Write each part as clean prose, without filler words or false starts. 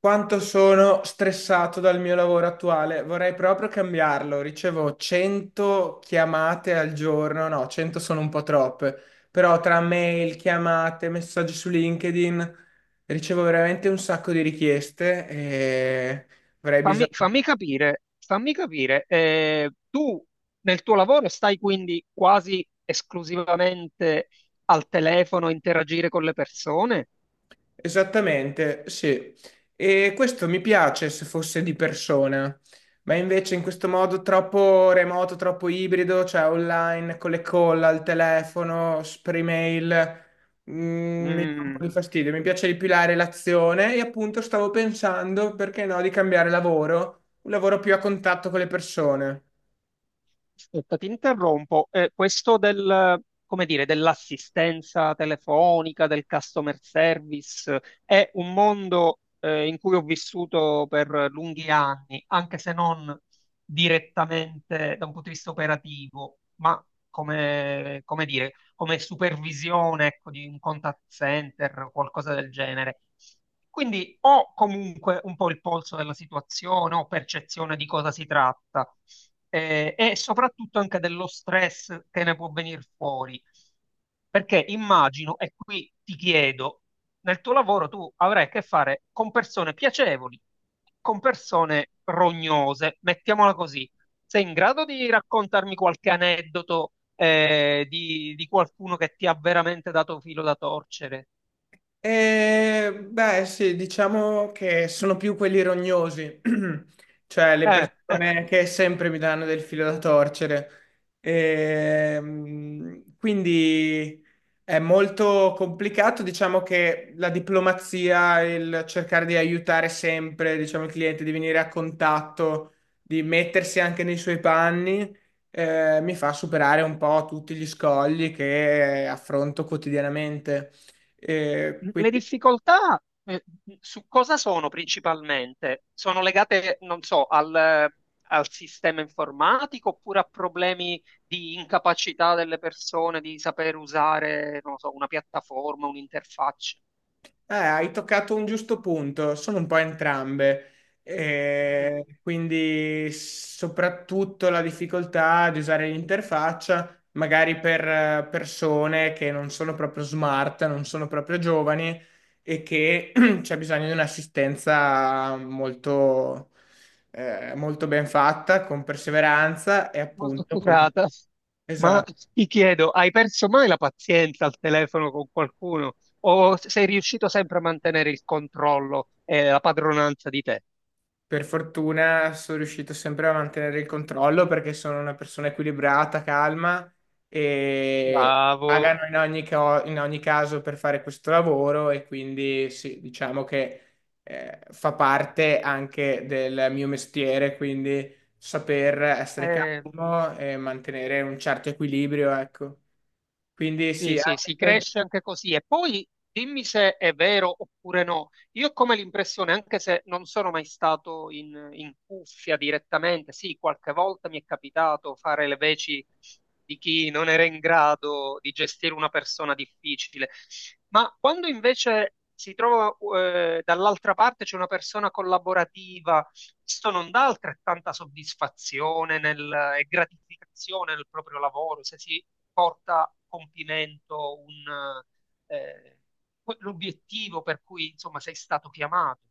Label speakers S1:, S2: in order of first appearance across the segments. S1: Quanto sono stressato dal mio lavoro attuale, vorrei proprio cambiarlo. Ricevo 100 chiamate al giorno, no, 100 sono un po' troppe, però tra mail, chiamate, messaggi su LinkedIn ricevo veramente un sacco di richieste e avrei bisogno.
S2: Fammi capire, tu nel tuo lavoro stai quindi quasi esclusivamente al telefono a interagire con le persone?
S1: Esattamente, sì. E questo mi piace se fosse di persona, ma invece in questo modo troppo remoto, troppo ibrido, cioè online, con le call al telefono, per email, mi dà un po'
S2: Mm,
S1: di fastidio. Mi piace di più la relazione e appunto stavo pensando, perché no, di cambiare lavoro, un lavoro più a contatto con le persone.
S2: Aspetta, ti interrompo. Questo del, come dire, dell'assistenza telefonica, del customer service, è un mondo, in cui ho vissuto per lunghi anni, anche se non direttamente da un punto di vista operativo. Ma come dire, come supervisione, ecco, di un contact center o qualcosa del genere. Quindi ho comunque un po' il polso della situazione, ho percezione di cosa si tratta e soprattutto anche dello stress che ne può venire fuori. Perché immagino, e qui ti chiedo, nel tuo lavoro tu avrai a che fare con persone piacevoli, con persone rognose, mettiamola così. Sei in grado di raccontarmi qualche aneddoto di qualcuno che ti ha veramente dato filo da torcere?
S1: Beh, sì, diciamo che sono più quelli rognosi, cioè le
S2: Eh.
S1: persone che sempre mi danno del filo da torcere. Quindi è molto complicato, diciamo che la diplomazia, il cercare di aiutare sempre, diciamo, il cliente, di venire a contatto, di mettersi anche nei suoi panni, mi fa superare un po' tutti gli scogli che affronto quotidianamente.
S2: Le
S1: Quindi,
S2: difficoltà eh, su cosa sono principalmente? Sono legate, non so, al sistema informatico oppure a problemi di incapacità delle persone di saper usare, non so, una piattaforma, un'interfaccia?
S1: hai toccato un giusto punto, sono un po' entrambe.
S2: Mm,
S1: Quindi soprattutto la difficoltà di usare l'interfaccia, magari per persone che non sono proprio smart, non sono proprio giovani e che c'è bisogno di un'assistenza molto, molto ben fatta, con perseveranza e
S2: Molto
S1: appunto come...
S2: accurata. Ma
S1: Esatto.
S2: ti chiedo, hai perso mai la pazienza al telefono con qualcuno o sei riuscito sempre a mantenere il controllo e la padronanza di te?
S1: Per fortuna sono riuscito sempre a mantenere il controllo perché sono una persona equilibrata, calma e
S2: Bravo.
S1: pagano in ogni, in ogni caso per fare questo lavoro e quindi sì, diciamo che fa parte anche del mio mestiere, quindi saper essere
S2: Eh,
S1: calmo e mantenere un certo equilibrio, ecco. Quindi
S2: Sì,
S1: sì,
S2: sì,
S1: anche
S2: si
S1: per-
S2: cresce anche così. E poi dimmi se è vero oppure no. Io ho come l'impressione, anche se non sono mai stato in cuffia direttamente, sì, qualche volta mi è capitato fare le veci di chi non era in grado di gestire una persona difficile, ma quando invece si trova dall'altra parte c'è una persona collaborativa, questo non dà altrettanta soddisfazione e gratificazione nel proprio lavoro, se si porta a compimento eh, l'obiettivo per cui insomma sei stato chiamato.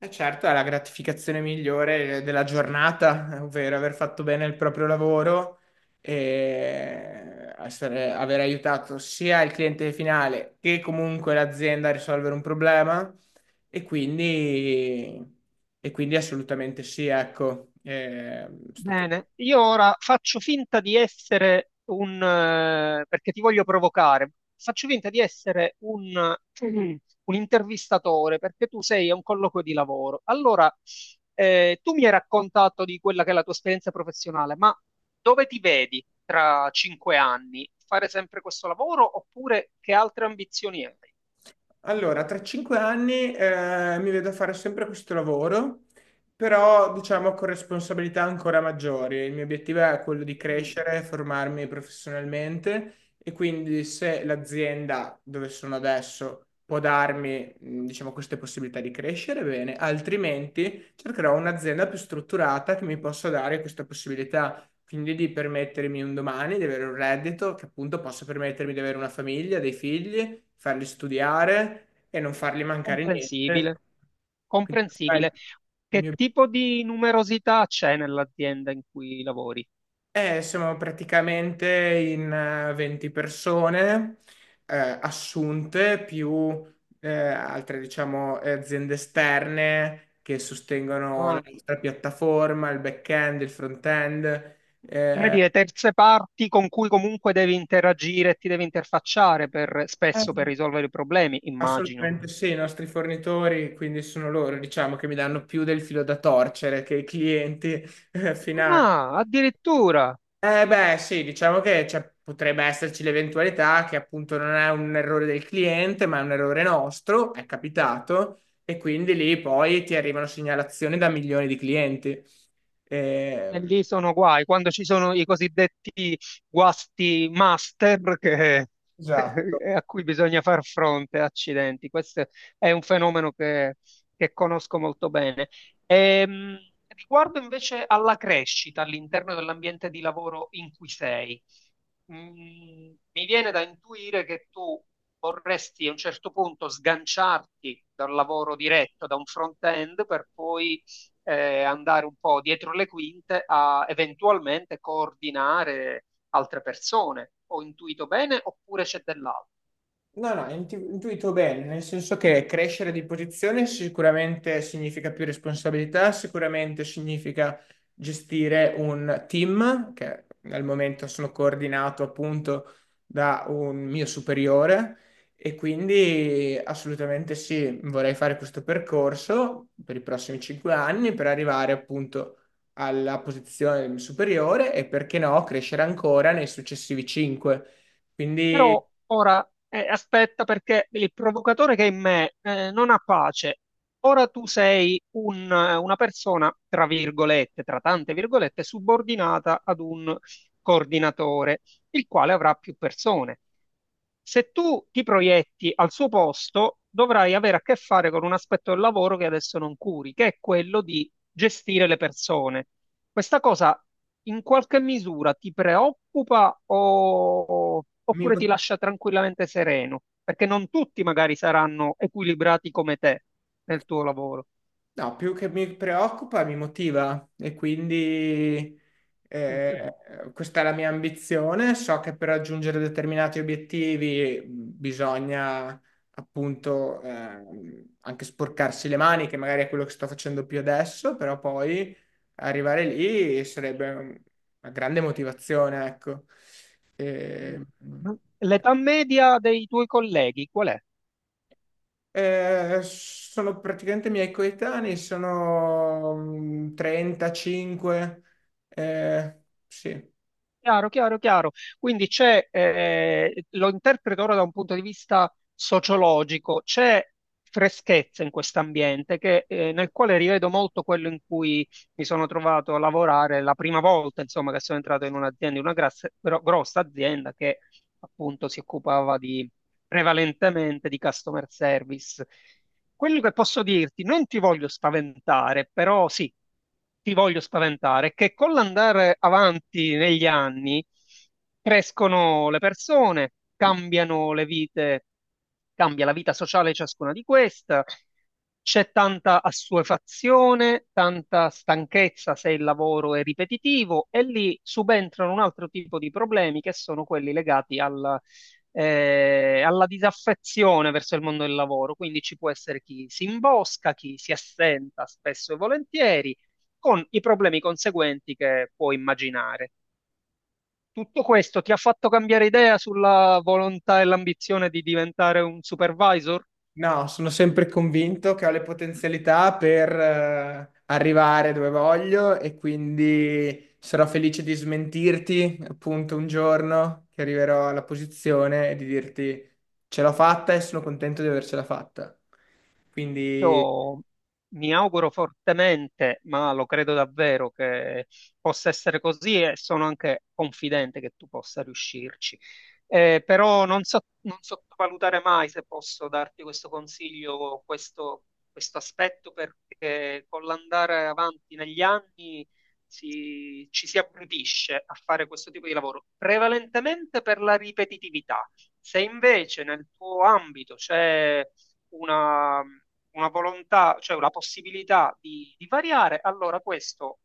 S1: E certo, è la gratificazione migliore della giornata, ovvero aver fatto bene il proprio lavoro e aver aiutato sia il cliente finale che comunque l'azienda a risolvere un problema. E quindi, e quindi assolutamente sì, ecco, eh, è stato
S2: Bene, io ora faccio finta di essere perché ti voglio provocare, faccio finta di essere un intervistatore perché tu sei a un colloquio di lavoro. Allora, tu mi hai raccontato di quella che è la tua esperienza professionale, ma dove ti vedi tra 5 anni? Fare sempre questo lavoro oppure che altre ambizioni hai?
S1: Allora, tra 5 anni mi vedo fare sempre questo lavoro, però diciamo con responsabilità ancora maggiori. Il mio obiettivo è quello di
S2: Mm,
S1: crescere, formarmi professionalmente e quindi se l'azienda dove sono adesso può darmi, diciamo, queste possibilità di crescere, bene, altrimenti cercherò un'azienda più strutturata che mi possa dare questa possibilità quindi di permettermi un domani di avere un reddito che appunto possa permettermi di avere una famiglia, dei figli, farli studiare e non fargli mancare niente.
S2: Comprensibile,
S1: Quindi, quello
S2: comprensibile.
S1: è il
S2: Che
S1: mio-
S2: tipo di numerosità c'è nell'azienda in cui lavori?
S1: siamo praticamente in 20 persone eh, assunte più altre, diciamo, aziende esterne che sostengono la
S2: Ah,
S1: nostra piattaforma, il back-end, il front-end.
S2: come
S1: eh,
S2: dire, terze parti con cui comunque devi interagire e ti devi interfacciare spesso per risolvere i problemi, immagino.
S1: Assolutamente sì, i nostri fornitori, quindi sono loro, diciamo, che mi danno più del filo da torcere che i clienti finali.
S2: Ah, addirittura.
S1: Eh beh, sì, diciamo che cioè, potrebbe esserci l'eventualità che appunto non è un errore del cliente, ma è un errore nostro, è capitato, e quindi lì poi ti arrivano segnalazioni da milioni di clienti.
S2: E
S1: Ehm,
S2: lì sono guai, quando ci sono i cosiddetti guasti master
S1: Esatto.
S2: a cui bisogna far fronte, accidenti. Questo è un fenomeno che conosco molto bene. Ehm, Riguardo invece alla crescita all'interno dell'ambiente di lavoro in cui sei, Mm, mi viene da intuire che tu vorresti a un certo punto sganciarti dal lavoro diretto, da un front-end, per poi andare un po' dietro le quinte a eventualmente coordinare altre persone. Ho intuito bene oppure c'è dell'altro?
S1: No, no, intuito bene, nel senso che crescere di posizione sicuramente significa più responsabilità, sicuramente significa gestire un team, che al momento sono coordinato appunto da un mio superiore e quindi assolutamente sì, vorrei fare questo percorso per i prossimi 5 anni per arrivare appunto alla posizione superiore e perché no, crescere ancora nei successivi 5. Quindi
S2: Però ora aspetta perché il provocatore che è in me non ha pace. Ora tu sei una persona, tra virgolette, tra tante virgolette, subordinata ad un coordinatore il quale avrà più persone. Se tu ti proietti al suo posto, dovrai avere a che fare con un aspetto del lavoro che adesso non curi, che è quello di gestire le persone. Questa cosa in qualche misura ti preoccupa
S1: mi
S2: oppure ti
S1: motiva
S2: lascia tranquillamente sereno? Perché non tutti magari saranno equilibrati come te nel tuo lavoro.
S1: No, più che mi preoccupa, mi motiva e quindi eh, questa è la mia ambizione. So che per raggiungere determinati obiettivi bisogna appunto anche sporcarsi le mani, che magari è quello che sto facendo più adesso, però poi arrivare lì sarebbe un- una grande motivazione, ecco. E,
S2: L'età media dei tuoi colleghi qual è?
S1: eh, sono praticamente miei coetanei, sono 35. eh, sì.
S2: Chiaro, chiaro, chiaro. Quindi c'è, lo interpreto ora da un punto di vista sociologico, c'è freschezza in questo ambiente nel quale rivedo molto quello in cui mi sono trovato a lavorare la prima volta, insomma, che sono entrato in un'azienda, in una grossa azienda che appunto si occupava prevalentemente di customer service. Quello che posso dirti, non ti voglio spaventare, però sì, ti voglio spaventare, è che con l'andare avanti negli anni crescono le persone, cambiano le vite, cambia la vita sociale di ciascuna di queste, c'è tanta assuefazione, tanta stanchezza se il lavoro è ripetitivo e lì subentrano un altro tipo di problemi che sono quelli legati al alla disaffezione verso il mondo del lavoro. Quindi ci può essere chi si imbosca, chi si assenta spesso e volentieri, con i problemi conseguenti che può immaginare. Tutto questo ti ha fatto cambiare idea sulla volontà e l'ambizione di diventare un supervisor?
S1: No, sono sempre convinto che ho le potenzialità per arrivare dove voglio e quindi sarò felice di smentirti appunto un giorno che arriverò alla posizione e di dirti ce l'ho fatta e sono contento di avercela fatta. Quindi.
S2: Io mi auguro fortemente, ma lo credo davvero che possa essere così e sono anche confidente che tu possa riuscirci. Però non sottovalutare mai, se posso darti questo consiglio, questo aspetto, perché con l'andare avanti negli anni ci si abbrutisce a fare questo tipo di lavoro, prevalentemente per la ripetitività. Se invece nel tuo ambito c'è una volontà, cioè una possibilità di variare, allora questo